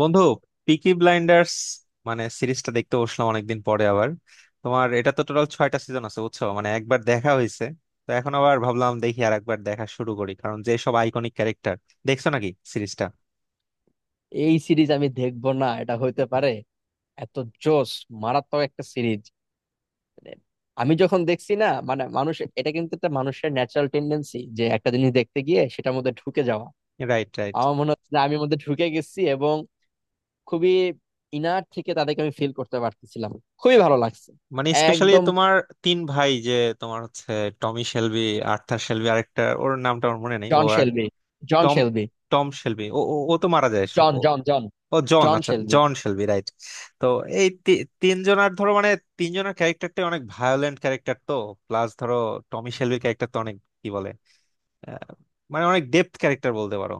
বন্ধু, পিকি ব্লাইন্ডার্স, মানে সিরিজটা দেখতে বসলাম অনেকদিন পরে আবার। তোমার এটা তো টোটাল ছয়টা সিজন আছে, বুঝছো, মানে একবার দেখা হয়েছে। তো এখন আবার ভাবলাম দেখি আর একবার দেখা শুরু করি, কারণ যে সব আইকনিক ক্যারেক্টার। দেখছো নাকি সিরিজটা? এই সিরিজ, আমি দেখবো না এটা হইতে পারে। এত জোস, মারাত্মক একটা সিরিজ। মানে আমি যখন দেখছি, না মানে মানুষ, এটা কিন্তু একটা মানুষের ন্যাচারাল টেন্ডেন্সি যে একটা জিনিস দেখতে গিয়ে সেটার মধ্যে ঢুকে যাওয়া। Right, right. আমার মনে হচ্ছে যে আমি এর মধ্যে ঢুকে গেছি, এবং খুবই ইনার থেকে তাদেরকে আমি ফিল করতে পারতেছিলাম। খুবই ভালো লাগছে। মানে স্পেশালি একদম। তোমার তিন ভাই, যে, তোমার হচ্ছে টমি শেলবি, আর্থার শেলবি, আরেকটা ওর নামটা আমার মনে নেই, ও জন আর Shelby. John Tom Shelby. Tom Shelby, ও ও ও তো মারা যায়। John, John, John. ও জন, জন আচ্ছা, শেলবি। John Shelby, right. তো এই তি- তিনজনার, ধরো, মানে তিনজনের ক্যারেক্টারটাই অনেক ভায়োলেন্ট ক্যারেক্টার, তো প্লাস ধরো টমি শেলবির ক্যারেক্টার তো অনেক, কি বলে, আহ, মানে অনেক ডেপথ ক্যারেক্টার বলতে পারো।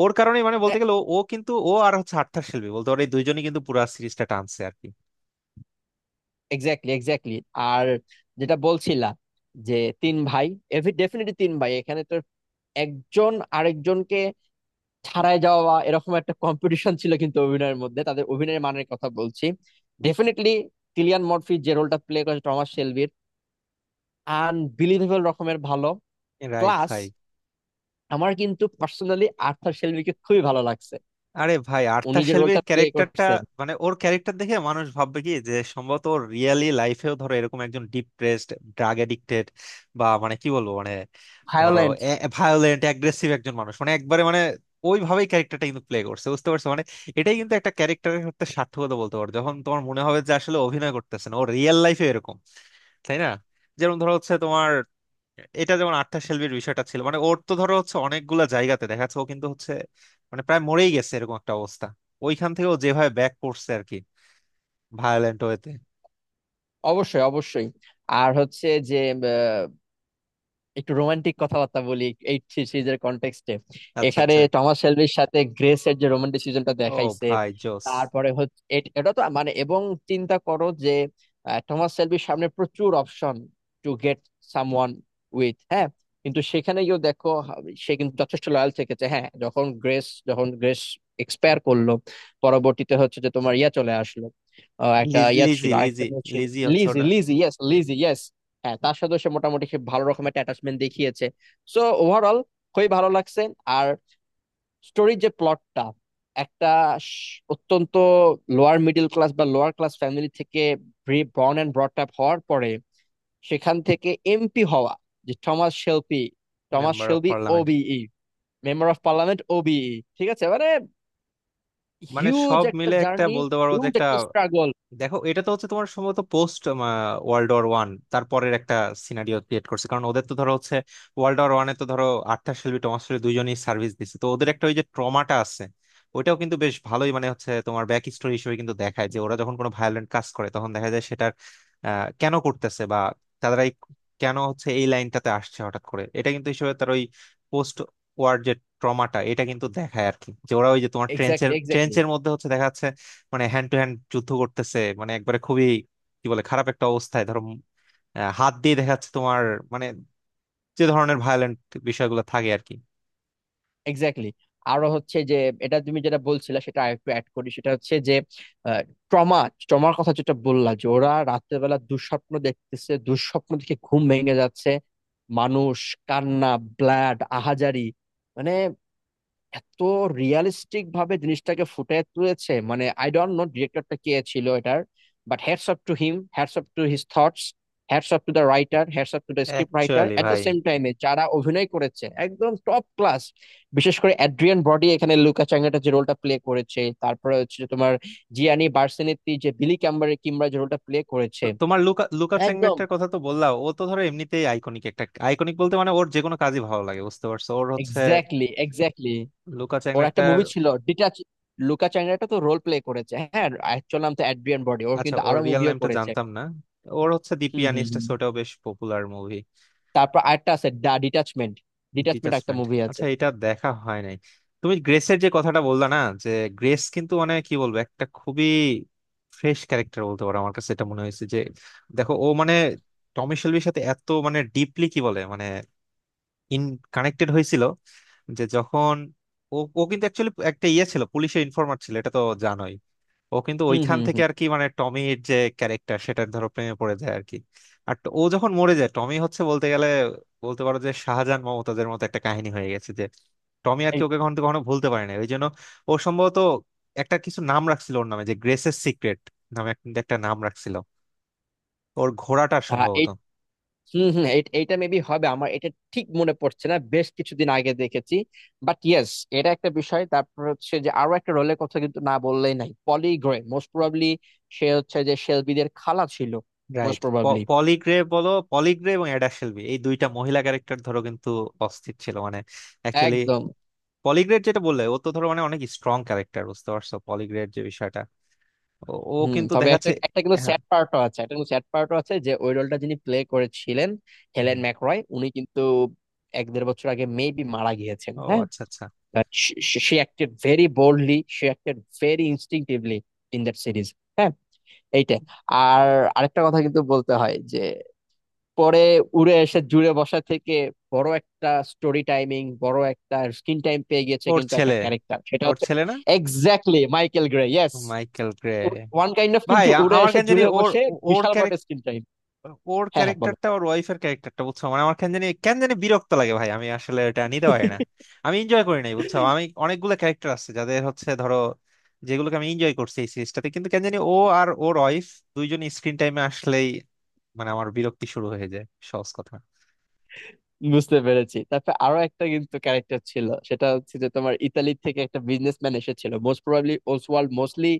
ওর কারণেই মানে বলতে গেলে, ও ও কিন্তু ও আর হচ্ছে আর্থার শেলবি, বলতে পারো এই দুইজনই কিন্তু পুরো সিরিজটা টানছে আর কি। Exactly, exactly. আর যেটা বলছিলা যে তিন ভাই, এভি ডেফিনেটলি তিন ভাই এখানে তো। একজন আরেকজনকে ছাড়াই যাওয়া, এরকম একটা কম্পিটিশন ছিল কিন্তু অভিনয়ের মধ্যে, তাদের অভিনয়ের মানের কথা বলছি। ডেফিনেটলি, কিলিয়ান মর্ফি যে রোলটা প্লে করেছে টমাস শেলবির, আনবিলিভেবল রকমের ভালো। রাইট প্লাস, ভাই। আমার কিন্তু পার্সোনালি আর্থার শেলবিকে খুবই ভালো লাগছে। আরে ভাই, উনি আর্থার যে শেলবির রোলটা প্লে ক্যারেক্টারটা করছেন। মানে ওর ক্যারেক্টার দেখে মানুষ ভাববে কি, যে সম্ভবত ওর রিয়েলি লাইফেও ধরো এরকম একজন ডিপ্রেসড, ড্রাগ এডিক্টেড, বা মানে কি বলবো, মানে ধরো ভায়োলেন্ট। ভায়োলেন্ট অ্যাগ্রেসিভ একজন মানুষ, মানে একবারে মানে ওইভাবেই ক্যারেক্টারটা কিন্তু প্লে করছে, বুঝতে পারছো মানে। এটাই কিন্তু একটা ক্যারেক্টারের সাথে সার্থকতা বলতে পারো, যখন তোমার মনে হবে যে আসলে অভিনয় করতেছে না, ও রিয়েল লাইফে এরকম, তাই না? যেমন ধরো হচ্ছে তোমার, এটা যেমন আর্থার শেলবির বিষয়টা ছিল, মানে ওর তো ধরো হচ্ছে অনেকগুলা জায়গাতে দেখা যাচ্ছে ও কিন্তু হচ্ছে, মানে প্রায় মরেই গেছে এরকম একটা অবস্থা, ওইখান থেকে ও যেভাবে ব্যাক করছে আর কি, ভায়োলেন্ট ওয়েতে। অবশ্যই, অবশ্যই। আর হচ্ছে যে, একটু রোমান্টিক কথাবার্তা বলি এই সিরিজের কনটেক্সটে। আচ্ছা, এখানে আচ্ছা। টমাস শেলবির সাথে গ্রেসের যে রোমান্টিসিজমটা ও দেখাইছে। ভাই, জোস। তারপরে হচ্ছে এটা তো মানে, এবং চিন্তা করো যে, টমাস শেলবির সামনে প্রচুর option to get someone with. হ্যাঁ, কিন্তু সেখানে গিয়েও দেখো সে কিন্তু যথেষ্ট লয়াল থেকেছে। হ্যাঁ, যখন গ্রেস এক্সপায়ার করলো। পরবর্তীতে হচ্ছে যে তোমার ইয়া চলে আসলো। একটা লিজ- ইয়া ছিল, লিজি আরেকটা লিজি মেয়ে ছিল, লিজি হচ্ছে। Lessee, lessee, yes, lessee. হ্যাঁ, তার সাথে সে মোটামুটি সে ভালো রকমের অ্যাটাচমেন্ট দেখিয়েছে। সো ওভারঅল, খুবই ভালো লাগছে। আর স্টোরির যে প্লটটা, একটা অত্যন্ত লোয়ার মিডল ক্লাস বা লোয়ার ক্লাস ফ্যামিলি থেকে বর্ন অ্যান্ড ব্রট আপ হওয়ার পরে, সেখান থেকে MP হওয়া, যে Thomas Shelby Thomas member of Shelby parliament. OBE, member of parliament OBE। ঠিক আছে মানে, মানে হিউজ সব একটা মিলে একটা জার্নি, বলতে পারবো যে হিউজ একটা। একটা স্ট্রাগল। দেখো, এটা তো হচ্ছে তোমার সম্ভবত পোস্ট ওয়ার্ল্ড ওয়ার ওয়ান তারপরের একটা সিনারিও ক্রিয়েট করছে, কারণ ওদের তো ধরো হচ্ছে ওয়ার্ল্ড ওয়ার ওয়ানে তো ধরো আর্থার শেলবি, টমাস শেলবি দুইজনই সার্ভিস দিছে, তো ওদের একটা ওই যে ট্রমাটা আছে। ওইটাও কিন্তু বেশ ভালোই, মানে হচ্ছে তোমার ব্যাক স্টোরি হিসেবে কিন্তু দেখায় যে ওরা যখন কোনো ভায়োলেন্ট কাজ করে তখন দেখা যায় সেটার কেন করতেছে বা তারা এই কেন হচ্ছে এই লাইনটাতে আসছে হঠাৎ করে, এটা কিন্তু হিসেবে তার ওই পোস্ট ওয়ার যে ট্রমাটা এটা কিন্তু দেখায় আর কি, যে ওরা ওই যে তোমার ট্রেঞ্চের এক্স্যাক্টলি, এক্স্যাক্টলি, ট্রেঞ্চের মধ্যে হচ্ছে দেখা যাচ্ছে মানে হ্যান্ড টু হ্যান্ড যুদ্ধ করতেছে, মানে একবারে খুবই, কি বলে, খারাপ একটা অবস্থায় ধরো হাত দিয়ে দেখা যাচ্ছে তোমার, মানে যে ধরনের ভায়োলেন্ট বিষয়গুলো থাকে আর কি। এক্স্যাক্টলি। আরো হচ্ছে যে, এটা তুমি যেটা বলছিলা সেটা আরেকটু অ্যাড করি। সেটা হচ্ছে যে, ট্রমা ট্রমার কথা যেটা বললা, যে ওরা রাতের বেলা দুঃস্বপ্ন দেখতেছে, দুঃস্বপ্ন দেখে ঘুম ভেঙে যাচ্ছে, মানুষ, কান্না, ব্লাড, আহাজারি। মানে এত রিয়ালিস্টিক ভাবে জিনিসটাকে ফুটিয়ে তুলেছে। মানে আই ডোন্ট নো ডিরেক্টরটা কে ছিল এটার, but hats off to him, hats off to his thoughts, hats off to the writer, hats off to the script writer. Actually at the ভাই। সেম টাইমে যারা অভিনয় করেছে, একদম টপ ক্লাস। বিশেষ করে অ্যাড্রিয়ান ব্রডি এখানে লুকা চ্যাংরাটা যে রোলটা প্লে করেছে, তারপরে হচ্ছে যে তোমার জিয়ানি বার্সেনেত্তি যে বিলি ক্যাম্বার কিমরা যে রোলটা প্লে তো করেছে। তোমার লুকা লুকা একদম, চেঙ্গলেটটার কথা তো বললাম, ও তো ধরো এমনিতেই আইকনিক, একটা আইকনিক বলতে মানে ওর যে কোনো কাজই ভালো লাগে, বুঝতে পারছো ওর হচ্ছে এক্স্যাক্টলি, এক্স্যাক্টলি। লুকা ওর একটা চেঙ্গলেটটার। মুভি ছিল ডিটাচ। লুকা চ্যাংরাটা তো রোল প্লে করেছে, হ্যাঁ। অ্যাকচুয়াল নাম তো অ্যাড্রিয়ান বডি। ওর আচ্ছা, কিন্তু ওর আরো রিয়েল মুভিও নেমটা করেছে। জানতাম না। ওর হচ্ছে দি হুম, হুম, পিয়ানিস্ট হুম। আছে, ওটাও বেশ পপুলার মুভি। তারপর আরেকটা আছে, ডিটাচমেন্ট। ডিটাচমেন্ট একটা ডিটাচমেন্ট। মুভি আছে। আচ্ছা, এটা দেখা হয় নাই। তুমি গ্রেসের যে কথাটা বললা না, যে গ্রেস কিন্তু, মানে কি বলবো, একটা খুবই ফ্রেশ ক্যারেক্টার বলতে পারো, আমার কাছে এটা মনে হয়েছে যে, দেখো ও মানে টমি শেলবির সাথে এত মানে ডিপলি, কি বলে মানে ইন কানেক্টেড হয়েছিল, যে যখন ও ও কিন্তু অ্যাকচুয়ালি একটা ইয়ে ছিল, পুলিশের ইনফরমার ছিল এটা তো জানোই। ও কিন্তু হুম, ওইখান হুম, থেকে হুম। আর কি, মানে টমির যে ক্যারেক্টার সেটার ধরো প্রেমে পড়ে যায় আর কি। আর ও যখন মরে যায়, টমি হচ্ছে বলতে গেলে, বলতে পারো যে শাহজাহান মমতাজের মতো একটা কাহিনী হয়ে গেছে, যে টমি আর কি এই ওকে কখনো কখনো ভুলতে পারে না ওই জন্য। ও সম্ভবত একটা কিছু নাম রাখছিল ওর নামে, যে গ্রেসের সিক্রেট নামে একটা নাম রাখছিল, ওর ঘোড়াটার আহ, সম্ভবত। এই হুম, হুম, এইটা মেবি হবে। আমার এটা ঠিক মনে পড়ছে না, বেশ কিছুদিন আগে দেখেছি, বাট ইয়েস। এটা একটা বিষয়। তারপর হচ্ছে যে, আরো একটা রোলের কথা কিন্তু না বললেই নাই, পলি গ্রে মোস্ট প্রবাবলি। সে হচ্ছে যে শেলবিদের খালা ছিল, মোস্ট রাইট। প্রবাবলি। পলিগ্রে বলো, পলিগ্রে এবং অ্যাডা শেলবি এই দুইটা মহিলা ক্যারেক্টার ধরো কিন্তু অস্থির ছিল, মানে অ্যাকচুয়ালি একদম। পলিগ্রেড যেটা বললে, ও তো ধরো মানে অনেক স্ট্রং ক্যারেক্টার, বুঝতে পারছো পলিগ্রেড যে বিষয়টা ও ও হুম, কিন্তু তবে একটা দেখাচ্ছে। একটা কিন্তু হ্যাঁ। স্যাড পার্টও আছে একটা কিন্তু স্যাড পার্টও আছে, যে ওই রোলটা যিনি প্লে করেছিলেন, হুম, হেলেন হুম। ম্যাকরয়। উনি কিন্তু এক দেড় বছর আগে মেবি মারা গিয়েছেন, ও হ্যাঁ। আচ্ছা, আচ্ছা। সে অ্যাক্টেড ভেরি বোল্ডলি, সে acted very instinctively in that series. হ্যাঁ। এইটা। আর আরেকটা কথা কিন্তু বলতে হয় যে, পরে উড়ে এসে জুড়ে বসা থেকে বড় একটা স্ক্রিন টাইম পেয়ে গেছে ওর কিন্তু একটা ছেলে, ক্যারেক্টার, সেটা ওর হচ্ছে ছেলে না? Exactly Michael Grey, yes. Michael Grey. One kind of ভাই, কিন্তু উড়ে আমার এসে কেন জানি জুড়ে ওর, বসে, ওর বিশাল বড় স্ক্রিন টাইম। ওর হ্যাঁ, হ্যাঁ, বলো। ক্যারেক্টারটা, ওর ওয়াইফের ক্যারেক্টারটা বুঝছো, মানে আমার কেন জানি বিরক্ত লাগে ভাই, আমি আসলে এটা নিতে পারি না। আমি এনজয় করি নাই বুঝছো, আমি অনেকগুলো ক্যারেক্টার আছে যাদের হচ্ছে ধরো যেগুলোকে আমি এনজয় করছি এই সিরিজটাতে, কিন্তু কেন জানি ও আর ওর ওয়াইফ দুইজন স্ক্রিন টাইমে আসলেই মানে আমার বিরক্তি শুরু হয়ে যায়, সহজ কথা। বুঝতে পেরেছি। তারপর আরো একটা কিন্তু ক্যারেক্টার ছিল, সেটা হচ্ছে যে তোমার ইতালি থেকে একটা বিজনেসম্যান এসেছিল, মোস্ট প্রবাবলি ওসওয়াল্ড মোস্টলি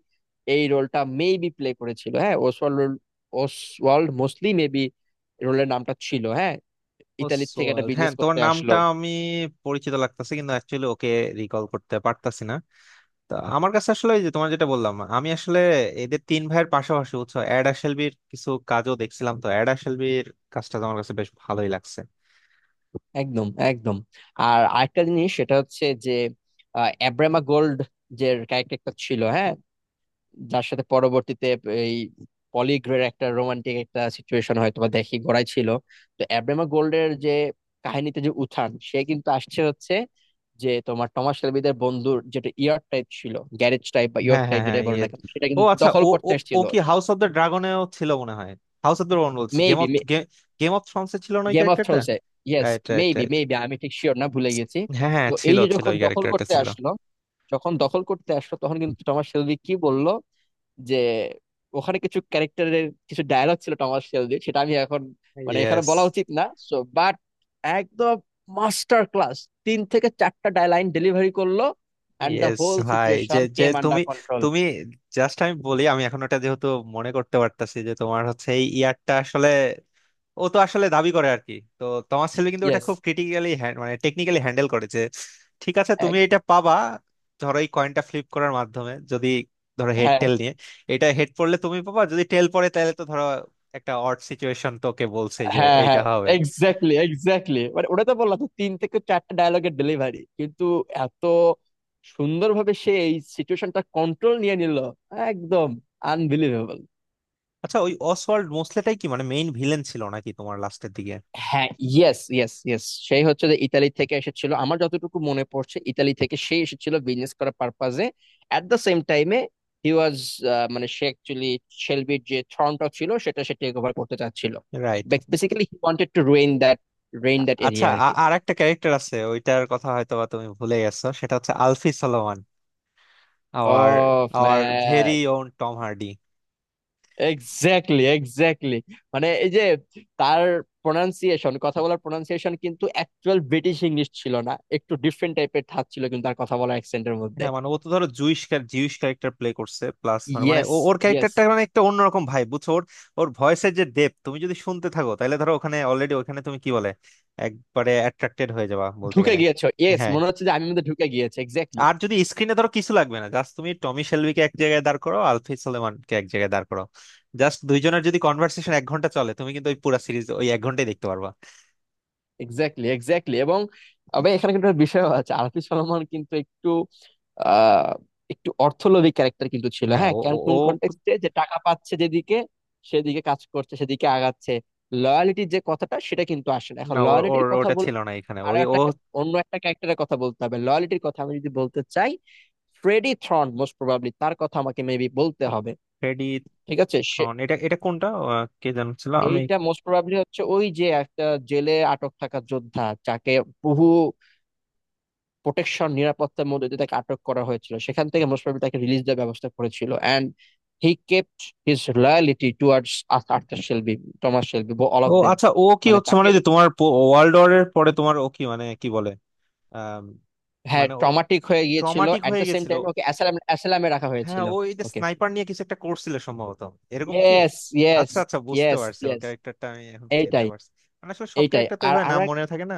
এই রোলটা মেবি প্লে করেছিল। হ্যাঁ, ওসওয়াল্ড ওসওয়াল্ড মোস্টলি মেবি রোলের নামটা ছিল, হ্যাঁ। ইতালির থেকে একটা ওসওয়াল্ড, হ্যাঁ, বিজনেস তোমার, করতে আসলো। নামটা আমি পরিচিত লাগতেছে কিন্তু অ্যাকচুয়ালি ওকে রিকল করতে পারতাছি না। তা আমার কাছে আসলে ওই যে তোমার যেটা বললাম, আমি আসলে এদের তিন ভাইয়ের পাশাপাশি বুঝছো অ্যাড আশেলবির কিছু কাজও দেখছিলাম, তো অ্যাড আশেলবির কাজটা তো আমার কাছে বেশ ভালোই লাগছে। একদম, একদম। আর আরেকটা জিনিস, সেটা হচ্ছে যে অ্যাব্রামা গোল্ড যে ক্যারেক্টারটা ছিল, হ্যাঁ, যার সাথে পরবর্তীতে এই পলিগ্রের একটা রোমান্টিক একটা সিচুয়েশন হয়তো বা দেখি গড়াই ছিল। তো অ্যাব্রামা গোল্ডের যে কাহিনীতে যে উত্থান, সে কিন্তু আসছে হচ্ছে যে তোমার টমাস শেলবিদের বন্ধুর যেটা ইয়ার টাইপ ছিল, গ্যারেজ টাইপ বা ইয়ার হ্যাঁ, হ্যাঁ, টাইপ হ্যাঁ, যেটাই বলো ইয়ে। না কেন, সেটা ও কিন্তু আচ্ছা, দখল ও ও করতে ও এসেছিল। কি হাউস অফ দ্য ড্রাগনেও ছিল মনে হয়? হাউস অফ দ্য ড্রাগন বলছি, Game maybe, of Game of Thrones এ ছিল না ওই গেম অফ ক্যারেক্টারটা? থ্রোনস এ, yes. Right, right, maybe right. Maybe আমি ঠিক শিওর না, ভুলে গেছি। হ্যাঁ, হ্যাঁ, তো এই ছিল, যে ছিল, যখন ওই দখল ক্যারেক্টারটা করতে ছিল। আসলো যখন দখল করতে আসলো তখন কিন্তু টমাস শেলবি কি বললো, যে ওখানে কিছু ক্যারেক্টারের কিছু ডায়লগ ছিল টমাস শেলবির, সেটা আমি এখন মানে এখানে ইয়েস, বলা উচিত না। সো বাট একদম মাস্টার ক্লাস। তিন থেকে চারটা লাইন ডেলিভারি করলো, অ্যান্ড দ্য ইয়েস। হোল ভাই, যে সিচুয়েশন যে কেম তুমি আন্ডার কন্ট্রোল। তুমি জাস্ট, আমি বলি, আমি এখন ওটা যেহেতু মনে করতে পারতাছি, যে তোমার হচ্ছে এই ইয়ারটা আসলে, ও তো আসলে দাবি করে আর কি, তো তোমার ছেলে কিন্তু ওটা ইয়েস। খুব ক্রিটিক্যালি, মানে টেকনিক্যালি হ্যান্ডেল করেছে। ঠিক আছে, হ্যাঁ, তুমি এটা পাবা, ধরো এই কয়েনটা ফ্লিপ করার মাধ্যমে, যদি ধরো হেড হ্যাঁ, টেল নিয়ে এটা হেড পড়লে তুমি পাবা, যদি টেল পড়ে তাহলে তো ধরো একটা অড সিচুয়েশন, তোকে বলছে যে হ্যাঁ। এইটা হবে। এক্স্যাক্টলি, এক্স্যাক্টলি মানে ওটা তো বললাম তো, তিন থেকে চারটা ডায়লগের ডেলিভারি কিন্তু এত সুন্দরভাবে সে এই সিচুয়েশনটা কন্ট্রোল নিয়ে নিল। একদম আনবিলিভেবল। আচ্ছা, ওই অসওয়াল্ড মোসলেটাই কি মানে মেইন ভিলেন ছিল নাকি তোমার লাস্টের দিকে? হ্যাঁ, ইয়েস, ইয়েস, ইয়েস। সেই হচ্ছে যে ইতালি থেকে এসেছিল, আমার যতটুকু মনে পড়ছে ইতালি থেকে সে এসেছিল বিজনেস করার পারপাজে। এট দ্য সেম টাইমে হি ওয়াজ, মানে সে অ্যাকচুয়ালি শেলবির যে থ্রনটা ছিল সেটা সে টেক ওভার করতে চাচ্ছিল। Right. Basically he wanted to ruin that, reign that আচ্ছা, এরিয়া, আর কি। আর একটা ক্যারেক্টার আছে ওইটার কথা হয়তো বা তুমি ভুলে গেছো, সেটা হচ্ছে আলফি সলোমন, ও, our our very man. Own Tom Hardy. Exactly, exactly মানে এই যে তার প্রোনাউন্সিয়েশন, কথা বলার প্রোনাউন্সিয়েশন কিন্তু অ্যাকচুয়াল ব্রিটিশ ইংলিশ ছিল না। একটু ডিফারেন্ট টাইপের ঠাঁচ ছিল কিন্তু তার কথা বলার অ্যাকসেন্টের মধ্যে। হ্যাঁ, মানে ও তো ধরো জুইশ, জিউস ক্যারেক্টার প্লে করছে, প্লাস মানে ইয়েস, ও ওর ইয়েস, ক্যারেক্টারটা মানে একটা অন্যরকম ভাই, বুঝছো ওর, ওর ভয়েসের যে ডেপথ তুমি যদি শুনতে থাকো তাহলে ধরো ওখানে অলরেডি, ওখানে তুমি, কি বলে, একবারে অ্যাট্রাক্টেড হয়ে যাবা বলতে ঢুকে গেলে। গিয়েছো, ইয়েস, হ্যাঁ। মনে হচ্ছে যে আমি মধ্যে ঢুকে গিয়েছে, এক্স্যাক্টলি, আর যদি স্ক্রিনে ধরো কিছু লাগবে না, জাস্ট তুমি টমি শেলবিকে এক জায়গায় দাঁড় করো, আলফি সলেমানকে এক জায়গায় দাঁড় করো, জাস্ট দুইজনের যদি কনভার্সেশন 1 ঘন্টা চলে, তুমি কিন্তু ওই পুরো সিরিজ ওই 1 ঘন্টায় দেখতে পারবা। Exactly, exactly. এবং তবে এখানে কিন্তু একটা বিষয় আছে, আরফি সলোমন কিন্তু আহ একটু অর্থলোভী ক্যারেক্টার কিন্তু ছিল, হ্যাঁ। হ্যাঁ। ও কেন ও কোন ও- কন্টেক্সটে যে টাকা পাচ্ছে যেদিকে, সেদিকে কাজ করছে, সেদিকে আগাচ্ছে। লয়ালিটির যে কথাটা সেটা কিন্তু আসে না, এখন না, ওর লয়ালিটির ওর- কথা ওটা বলে ছিল না এখানে আরো ওই ও। একটা অন্য একটা ক্যারেক্টারের কথা বলতে হবে, লয়ালিটির কথা আমি যদি বলতে চাই। ফ্রেডি থ্রন মোস্ট প্রবাবলি তার কথা আমাকে মেবি বলতে হবে। ফ্রেডি ঠিক আছে। থ্রন, এটা এটা কোনটা? কে জানছিল আমি। এইটা মোস্ট প্রবাবলি হচ্ছে ওই যে একটা জেলে আটক থাকা যোদ্ধা, যাকে বহু প্রোটেকশন নিরাপত্তার মধ্যে দিয়ে তাকে আটক করা হয়েছিল, সেখান থেকে মোস্ট প্রবাবলি তাকে রিলিজ দেওয়ার ব্যবস্থা করেছিল। And he kept his loyalty towards Arthur Shelby, Thomas Shelby, all of of them. আচ্ছা, ও কি মানে হচ্ছে মানে তাকে, ওই যে তোমার ওয়ার্ল্ড ওয়ার এর পরে তোমার ও কি, মানে কি বলে, আম, হ্যাঁ, মানে ও ট্রমাটিক হয়ে গিয়েছিল। ট্রমাটিক এট হয়ে দ্য সেম গেছিল। টাইম ওকে অ্যাসাইলামে রাখা হ্যাঁ, হয়েছিল। ও এই যে ওকে, স্নাইপার নিয়ে কিছু একটা করছিল সম্ভবত, এরকম কি? ইয়েস, ইয়েস, আচ্ছা, আচ্ছা, বুঝতে ইয়েস, পারছি, ওর ইয়েস। ক্যারেক্টারটা আমি এখন চিনতে এইটাই, পারছি। মানে আসলে সব এইটাই। ক্যারেক্টার তো আর এভাবে নাম আরো, মনে থাকে না।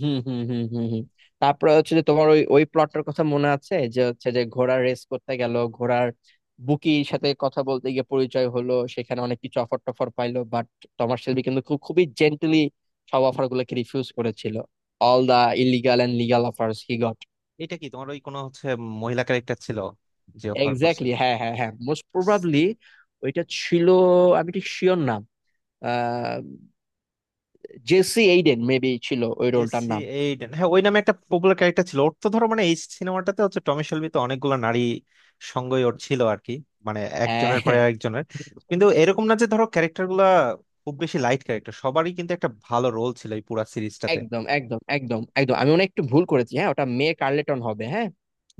হুম, হুম, হুম, হুম, হুম। তারপরে হচ্ছে যে তোমার ওই ওই প্লটটার কথা মনে আছে, যে হচ্ছে যে ঘোড়ার রেস করতে গেল, ঘোড়ার বুকির সাথে কথা বলতে গিয়ে পরিচয় হলো, সেখানে অনেক কিছু অফার টফার পাইলো, বাট টমাস শেলবি কিন্তু খুব খুবই জেন্টলি সব অফার গুলোকে রিফিউজ করেছিল। All the illegal and legal offers he got. এটা কি তোমার ওই কোনো হচ্ছে মহিলা ক্যারেক্টার ছিল যে অফার করছে? এক্স্যাক্টলি, হ্যাঁ, হ্যাঁ, হ্যাঁ। মোস্ট প্রবাবলি ওইটা ছিল, আমি ঠিক শিওর নাম, আহ জেসি এইডেন মেবি ছিল ওই রোলটার জেসি নাম। এইডেন, হ্যাঁ, ওই নামে একটা পপুলার ক্যারেক্টার ছিল। ওর তো ধরো মানে এই সিনেমাটাতে হচ্ছে টমি তো অনেকগুলো নারী সঙ্গই ওর ছিল আর কি, মানে হ্যাঁ, একজনের পরে হ্যাঁ। একজনের। কিন্তু এরকম না যে ধরো ক্যারেক্টার গুলা খুব বেশি লাইট ক্যারেক্টার, সবারই কিন্তু একটা ভালো রোল ছিল এই পুরা সিরিজটাতে। একদম, একদম, একদম, একদম। আমি মনে হয় একটু ভুল করেছি, হ্যাঁ, ওটা মে কার্লেটন হবে, হ্যাঁ।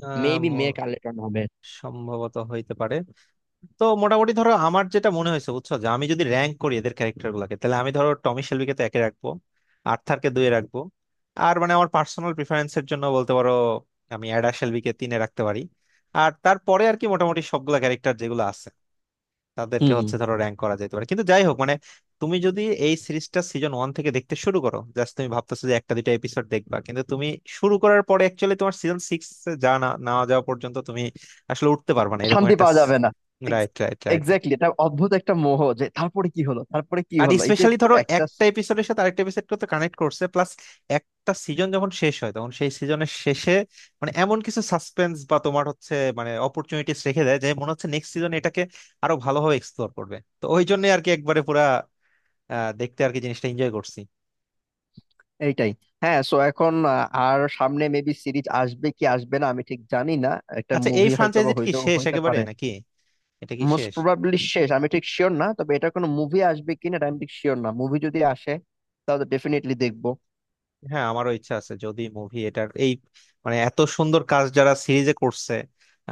আহ, মেবি মে ম- কার্লেটন হবে। সম্ভবত হইতে পারে। তো মোটামুটি ধরো আমার যেটা মনে হয়েছে বুঝছো, যে আমি যদি র্যাঙ্ক করি এদের ক্যারেক্টার গুলাকে, তাহলে আমি ধরো টমি শেলবিকে তো একে রাখবো, আর্থারকে দুয়ে রাখবো। আর মানে আমার পার্সোনাল প্রিফারেন্সের জন্য বলতে পারো আমি অ্যাডা শেলবিকে তিনে রাখতে পারি। আর তারপরে আর কি মোটামুটি সবগুলা ক্যারেক্টার যেগুলো আছে হুম, তাদেরকে হুম। হচ্ছে ধরো র্যাঙ্ক করা যেতে পারে, কিন্তু যাই হোক মানে, তুমি যদি এই সিরিজটা সিজন 1 থেকে দেখতে শুরু করো, জাস্ট তুমি ভাবতেছো যে একটা দুইটা এপিসোড দেখবা, কিন্তু তুমি শুরু করার পরে অ্যাকচুয়ালি তোমার সিজন 6 যা না, না যাওয়া পর্যন্ত তুমি আসলে উঠতে পারবে না এরকম শান্তি একটা। পাওয়া যাবে না। Right, right, right. এক্স্যাক্টলি, এটা অদ্ভুত একটা মোহ যে তারপরে কি হলো, তারপরে কি আর হলো, এই যে স্পেশালি ধরো একটা একটা এপিসোডের সাথে আরেকটা এপিসোডকে তো কানেক্ট করছে, প্লাস একটা সিজন যখন শেষ হয় তখন সেই সিজনের শেষে মানে এমন কিছু সাসপেন্স বা তোমার হচ্ছে মানে অপরচুনিটিস রেখে দেয় যে মনে হচ্ছে নেক্সট সিজন এটাকে আরো ভালোভাবে এক্সপ্লোর করবে, তো ওই জন্য আর কি একবারে পুরা দেখতে আর কি জিনিসটা এনজয় করছি। এইটাই। হ্যাঁ, সো এখন, আর সামনে মেবি সিরিজ আসবে কি আসবে না আমি ঠিক জানি না। একটা আচ্ছা, এই মুভি হয়তো বা ফ্রাঞ্চাইজিটা কি হইলেও শেষ হইতে একেবারে পারে। নাকি? এটা কি মোস্ট শেষ? প্রবাবলি শেষ, আমি ঠিক শিওর না, তবে এটা কোনো মুভি আসবে কিনা এটা আমি ঠিক শিওর না। মুভি যদি আসে তাহলে ডেফিনেটলি দেখবো। হ্যাঁ, আমারও ইচ্ছা আছে যদি মুভি এটার এই, মানে এত সুন্দর কাজ যারা সিরিজে করছে।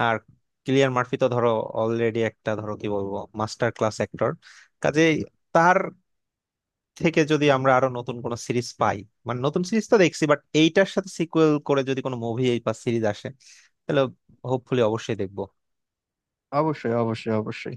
আর ক্লিয়ার মার্ফি তো ধরো অলরেডি একটা, ধরো কি বলবো, মাস্টার ক্লাস অ্যাক্টর, কাজে তার থেকে যদি আমরা আরো নতুন কোনো সিরিজ পাই, মানে নতুন সিরিজ তো দেখছি, বাট এইটার সাথে সিকুয়েল করে যদি কোনো মুভি বা সিরিজ আসে, তাহলে হোপফুলি অবশ্যই দেখবো। অবশ্যই, অবশ্যই, অবশ্যই।